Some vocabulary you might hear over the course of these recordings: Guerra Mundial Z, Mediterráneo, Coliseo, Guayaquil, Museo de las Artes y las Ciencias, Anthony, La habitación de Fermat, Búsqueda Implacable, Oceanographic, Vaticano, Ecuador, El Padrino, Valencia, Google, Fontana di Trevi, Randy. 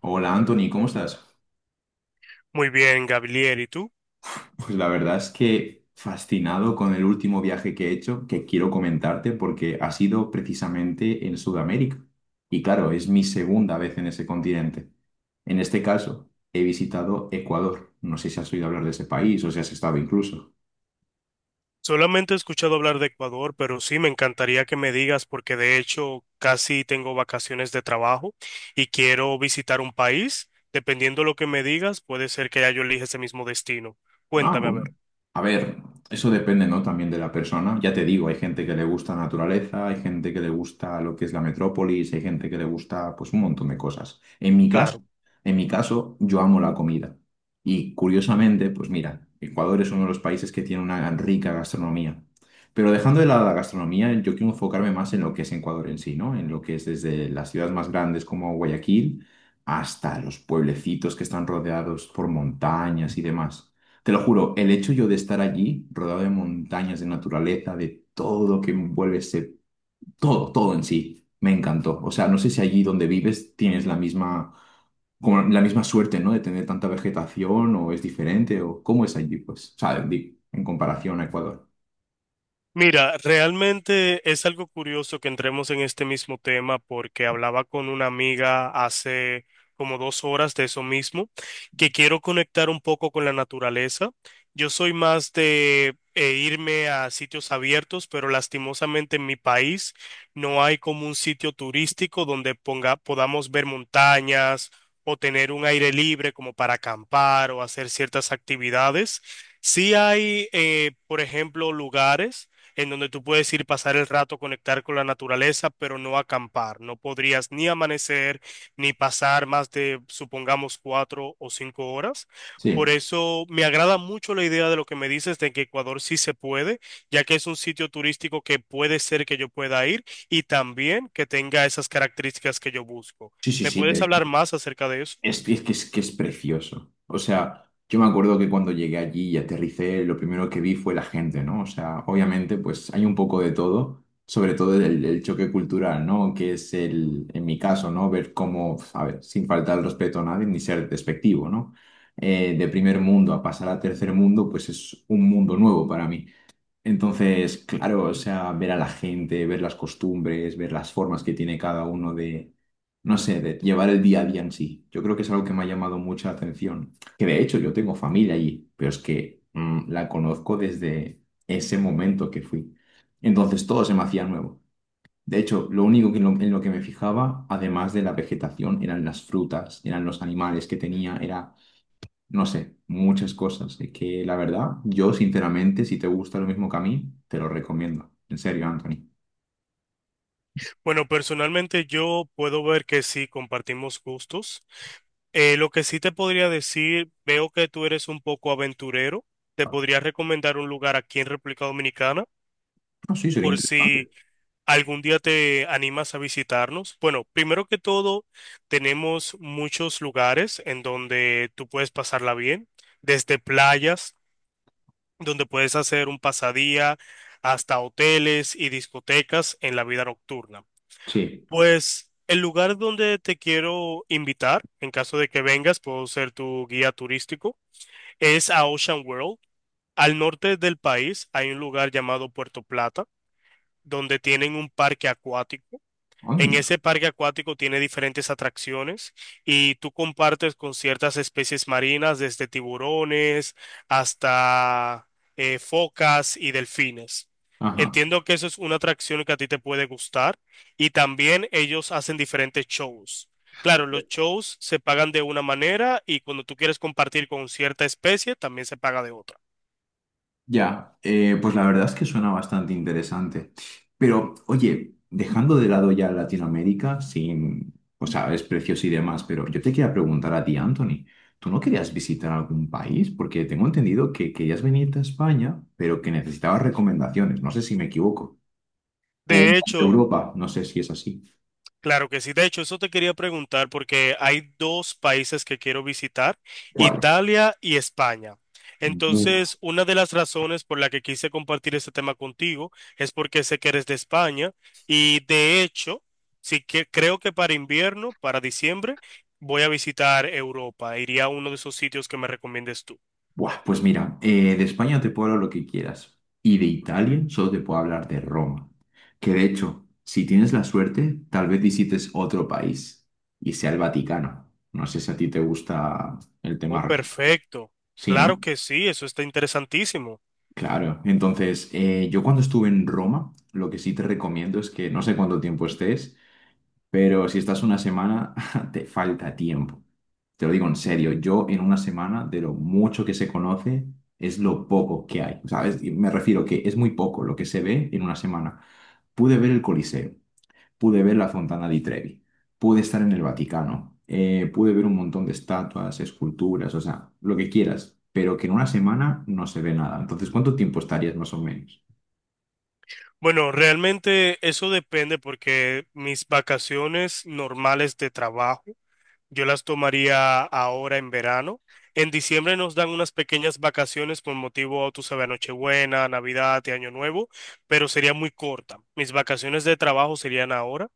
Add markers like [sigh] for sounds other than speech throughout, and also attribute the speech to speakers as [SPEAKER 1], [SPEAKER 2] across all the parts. [SPEAKER 1] Hola Anthony, ¿cómo estás?
[SPEAKER 2] Muy bien, Gabriel, ¿y tú?
[SPEAKER 1] Pues la verdad es que fascinado con el último viaje que he hecho, que quiero comentarte porque ha sido precisamente en Sudamérica. Y claro, es mi segunda vez en ese continente. En este caso, he visitado Ecuador. No sé si has oído hablar de ese país o si has estado incluso.
[SPEAKER 2] Solamente he escuchado hablar de Ecuador, pero sí me encantaría que me digas porque de hecho casi tengo vacaciones de trabajo y quiero visitar un país. Dependiendo lo que me digas, puede ser que ya yo elija ese mismo destino.
[SPEAKER 1] Ah,
[SPEAKER 2] Cuéntame, a
[SPEAKER 1] bueno.
[SPEAKER 2] ver.
[SPEAKER 1] A ver, eso depende, ¿no? También de la persona. Ya te digo, hay gente que le gusta la naturaleza, hay gente que le gusta lo que es la metrópolis, hay gente que le gusta, pues, un montón de cosas. En mi caso,
[SPEAKER 2] Claro.
[SPEAKER 1] en mi caso, yo amo la comida. Y curiosamente, pues mira, Ecuador es uno de los países que tiene una rica gastronomía. Pero dejando de lado la gastronomía, yo quiero enfocarme más en lo que es Ecuador en sí, ¿no? En lo que es desde las ciudades más grandes como Guayaquil hasta los pueblecitos que están rodeados por montañas y demás. Te lo juro, el hecho yo de estar allí, rodeado de montañas, de naturaleza, de todo lo que envuelve ese, todo, todo en sí, me encantó. O sea, no sé si allí donde vives tienes la misma, como la misma suerte, ¿no? De tener tanta vegetación o es diferente o cómo es allí, pues, o sea, en comparación a Ecuador.
[SPEAKER 2] Mira, realmente es algo curioso que entremos en este mismo tema porque hablaba con una amiga hace como dos horas de eso mismo, que quiero conectar un poco con la naturaleza. Yo soy más de irme a sitios abiertos, pero lastimosamente en mi país no hay como un sitio turístico donde ponga, podamos ver montañas o tener un aire libre como para acampar o hacer ciertas actividades. Sí hay, por ejemplo, lugares en donde tú puedes ir pasar el rato, conectar con la naturaleza, pero no acampar. No podrías ni amanecer, ni pasar más de, supongamos, cuatro o cinco horas. Por
[SPEAKER 1] Sí,
[SPEAKER 2] eso me agrada mucho la idea de lo que me dices de que Ecuador sí se puede, ya que es un sitio turístico que puede ser que yo pueda ir y también que tenga esas características que yo busco.
[SPEAKER 1] sí, sí,
[SPEAKER 2] ¿Me
[SPEAKER 1] sí.
[SPEAKER 2] puedes hablar más acerca de eso?
[SPEAKER 1] Es que es precioso. O sea, yo me acuerdo que cuando llegué allí y aterricé, lo primero que vi fue la gente, ¿no? O sea, obviamente, pues hay un poco de todo, sobre todo el choque cultural, ¿no? Que es el, en mi caso, ¿no? Ver cómo, a ver, sin faltar el respeto a nadie ni ser despectivo, ¿no? De primer mundo a pasar a tercer mundo, pues es un mundo nuevo para mí. Entonces, claro, o sea, ver a la gente, ver las costumbres, ver las formas que tiene cada uno de, no sé, de llevar el día a día en sí. Yo creo que es algo que me ha llamado mucha atención. Que de hecho yo tengo familia allí, pero es que la conozco desde ese momento que fui. Entonces todo se me hacía nuevo. De hecho, lo único que en lo que me fijaba, además de la vegetación, eran las frutas, eran los animales que tenía, era no sé, muchas cosas. Es que la verdad, yo sinceramente, si te gusta lo mismo que a mí, te lo recomiendo. En serio, Anthony.
[SPEAKER 2] Bueno, personalmente yo puedo ver que sí compartimos gustos. Lo que sí te podría decir, veo que tú eres un poco aventurero. Te podría recomendar un lugar aquí en República Dominicana
[SPEAKER 1] No, sí, sería
[SPEAKER 2] por si
[SPEAKER 1] interesante.
[SPEAKER 2] algún día te animas a visitarnos. Bueno, primero que todo, tenemos muchos lugares en donde tú puedes pasarla bien, desde playas, donde puedes hacer un pasadía, hasta hoteles y discotecas en la vida nocturna.
[SPEAKER 1] Sí.
[SPEAKER 2] Pues el lugar donde te quiero invitar, en caso de que vengas, puedo ser tu guía turístico, es a Ocean World. Al norte del país hay un lugar llamado Puerto Plata, donde tienen un parque acuático. En
[SPEAKER 1] Anda.
[SPEAKER 2] ese parque acuático tiene diferentes atracciones y tú compartes con ciertas especies marinas, desde tiburones hasta focas y delfines.
[SPEAKER 1] Ajá.
[SPEAKER 2] Entiendo que eso es una atracción que a ti te puede gustar y también ellos hacen diferentes shows. Claro, los shows se pagan de una manera y cuando tú quieres compartir con cierta especie también se paga de otra.
[SPEAKER 1] Ya, pues la verdad es que suena bastante interesante. Pero, oye, dejando de lado ya Latinoamérica, sin, o sea, precios y demás, pero yo te quería preguntar a ti, Anthony, ¿tú no querías visitar algún país? Porque tengo entendido que querías venirte a España, pero que necesitabas recomendaciones. No sé si me equivoco. ¿O un
[SPEAKER 2] De
[SPEAKER 1] país de
[SPEAKER 2] hecho,
[SPEAKER 1] Europa? No sé si es así.
[SPEAKER 2] claro que sí. De hecho, eso te quería preguntar porque hay dos países que quiero visitar,
[SPEAKER 1] ¿Cuáles?
[SPEAKER 2] Italia y España.
[SPEAKER 1] Uf,
[SPEAKER 2] Entonces, una de las razones por la que quise compartir este tema contigo es porque sé que eres de España y de hecho, sí que creo que para invierno, para diciembre, voy a visitar Europa. Iría a uno de esos sitios que me recomiendes tú.
[SPEAKER 1] buah, pues mira, de España te puedo hablar lo que quieras. Y de Italia solo te puedo hablar de Roma. Que de hecho, si tienes la suerte, tal vez visites otro país y sea el Vaticano. No sé si a ti te gusta el
[SPEAKER 2] Oh,
[SPEAKER 1] tema religioso.
[SPEAKER 2] perfecto.
[SPEAKER 1] Sí,
[SPEAKER 2] Claro
[SPEAKER 1] ¿no?
[SPEAKER 2] que sí, eso está interesantísimo.
[SPEAKER 1] Claro. Entonces, yo cuando estuve en Roma, lo que sí te recomiendo es que no sé cuánto tiempo estés. Pero si estás una semana, [laughs] te falta tiempo. Te lo digo en serio, yo en una semana, de lo mucho que se conoce, es lo poco que hay. ¿Sabes? Y me refiero que es muy poco lo que se ve en una semana. Pude ver el Coliseo, pude ver la Fontana di Trevi, pude estar en el Vaticano, pude ver un montón de estatuas, esculturas, o sea, lo que quieras, pero que en una semana no se ve nada. Entonces, ¿cuánto tiempo estarías más o menos?
[SPEAKER 2] Bueno, realmente eso depende porque mis vacaciones normales de trabajo, yo las tomaría ahora en verano. En diciembre nos dan unas pequeñas vacaciones por motivo, tú sabes, Nochebuena, Navidad y Año Nuevo, pero sería muy corta. Mis vacaciones de trabajo serían ahora,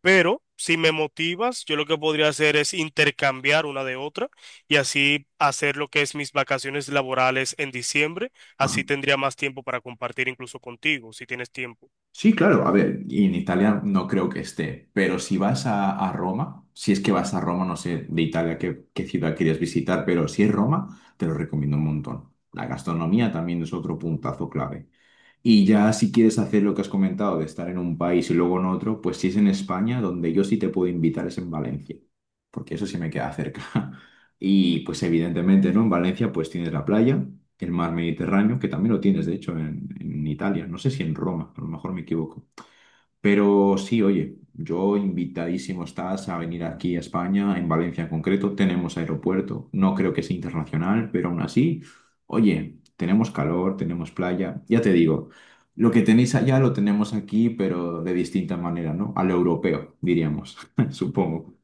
[SPEAKER 2] pero si me motivas, yo lo que podría hacer es intercambiar una de otra y así hacer lo que es mis vacaciones laborales en diciembre. Así tendría más tiempo para compartir incluso contigo, si tienes tiempo.
[SPEAKER 1] Sí, claro, a ver, y en Italia no creo que esté, pero si vas a Roma, si es que vas a Roma, no sé de Italia qué ciudad quieres visitar, pero si es Roma, te lo recomiendo un montón. La gastronomía también es otro puntazo clave. Y ya si quieres hacer lo que has comentado, de estar en un país y luego en otro, pues si es en España, donde yo sí te puedo invitar es en Valencia, porque eso sí me queda cerca. [laughs] Y pues evidentemente, ¿no? En Valencia pues tienes la playa, el mar Mediterráneo, que también lo tienes, de hecho, en Italia, no sé si en Roma, a lo mejor me equivoco. Pero sí, oye, yo invitadísimo estás a venir aquí a España, en Valencia en concreto, tenemos aeropuerto, no creo que sea internacional, pero aún así, oye, tenemos calor, tenemos playa, ya te digo, lo que tenéis allá lo tenemos aquí, pero de distinta manera, ¿no? A lo europeo, diríamos, [laughs] supongo.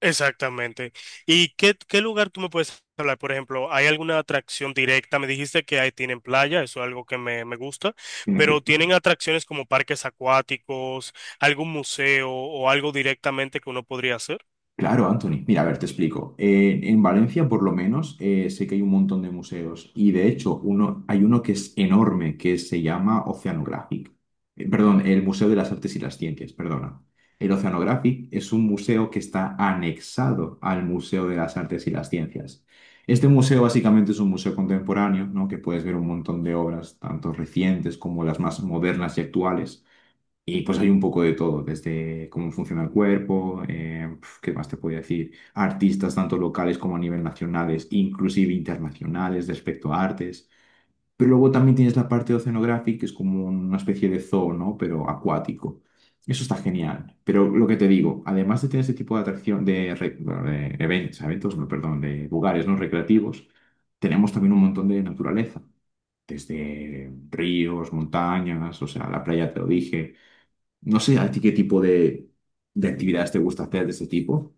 [SPEAKER 2] Exactamente. ¿Y qué lugar tú me puedes hablar? Por ejemplo, ¿hay alguna atracción directa? Me dijiste que ahí tienen playa, eso es algo que me gusta, pero ¿tienen atracciones como parques acuáticos, algún museo o algo directamente que uno podría hacer?
[SPEAKER 1] Claro, Anthony. Mira, a ver, te explico. En Valencia, por lo menos, sé que hay un montón de museos y de hecho hay uno que es enorme, que se llama Oceanographic. Perdón, el Museo de las Artes y las Ciencias, perdona. El Oceanographic es un museo que está anexado al Museo de las Artes y las Ciencias. Este museo básicamente es un museo contemporáneo, ¿no? Que puedes ver un montón de obras, tanto recientes como las más modernas y actuales. Y pues hay un poco de todo, desde cómo funciona el cuerpo, ¿qué más te puedo decir? Artistas tanto locales como a nivel nacionales, inclusive internacionales respecto a artes. Pero luego también tienes la parte oceanográfica, que es como una especie de zoo, ¿no? Pero acuático. Eso está genial. Pero lo que te digo, además de tener ese tipo de atracción, bueno, de eventos, eventos, no, perdón, de lugares no recreativos, tenemos también un montón de naturaleza desde ríos, montañas, o sea, la playa te lo dije, no sé a ti qué tipo de actividades te gusta hacer de ese tipo.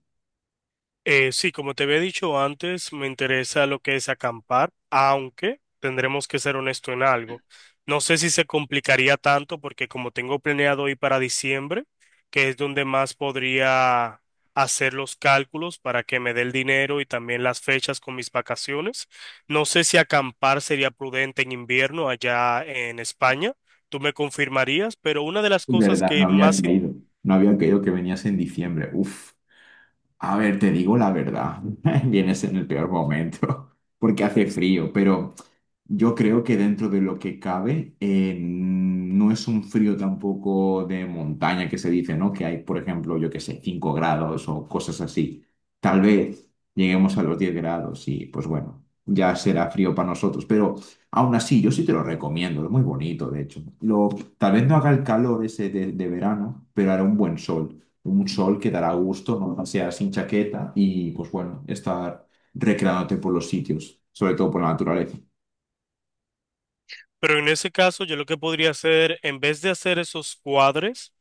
[SPEAKER 2] Sí, como te había dicho antes, me interesa lo que es acampar, aunque tendremos que ser honesto en algo. No sé si se complicaría tanto porque como tengo planeado ir para diciembre, que es donde más podría hacer los cálculos para que me dé el dinero y también las fechas con mis vacaciones, no sé si acampar sería prudente en invierno allá en España. Tú me confirmarías, pero una de las
[SPEAKER 1] Es
[SPEAKER 2] cosas
[SPEAKER 1] verdad, no
[SPEAKER 2] que
[SPEAKER 1] había
[SPEAKER 2] más... in-
[SPEAKER 1] caído. No había caído que venías en diciembre. Uf. A ver, te digo la verdad. [laughs] Vienes en el peor momento [laughs] porque hace frío, pero yo creo que dentro de lo que cabe, no es un frío tampoco de montaña que se dice, ¿no? Que hay, por ejemplo, yo qué sé, 5 grados o cosas así. Tal vez lleguemos a los 10 grados y pues bueno, ya será frío para nosotros. Pero aún así, yo sí te lo recomiendo, es muy bonito, de hecho. Lo, tal vez no haga el calor ese de verano, pero hará un buen sol. Un sol que dará gusto, no sea sin chaqueta y pues bueno, estar recreándote por los sitios, sobre todo por la naturaleza.
[SPEAKER 2] Pero en ese caso, yo lo que podría hacer, en vez de hacer esos cuadres,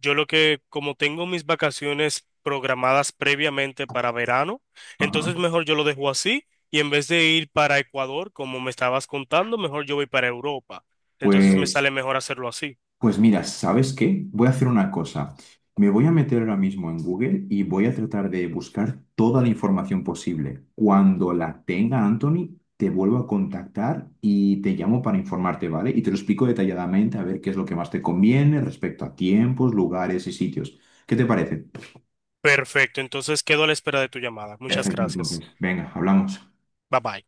[SPEAKER 2] yo lo que, como tengo mis vacaciones programadas previamente para verano, entonces
[SPEAKER 1] Ajá.
[SPEAKER 2] mejor yo lo dejo así y en vez de ir para Ecuador, como me estabas contando, mejor yo voy para Europa. Entonces me
[SPEAKER 1] Pues,
[SPEAKER 2] sale mejor hacerlo así.
[SPEAKER 1] pues mira, ¿sabes qué? Voy a hacer una cosa. Me voy a meter ahora mismo en Google y voy a tratar de buscar toda la información posible. Cuando la tenga, Anthony, te vuelvo a contactar y te llamo para informarte, ¿vale? Y te lo explico detalladamente a ver qué es lo que más te conviene respecto a tiempos, lugares y sitios. ¿Qué te parece?
[SPEAKER 2] Perfecto, entonces quedo a la espera de tu llamada. Muchas
[SPEAKER 1] Perfecto,
[SPEAKER 2] gracias.
[SPEAKER 1] entonces. Venga, hablamos.
[SPEAKER 2] Bye bye.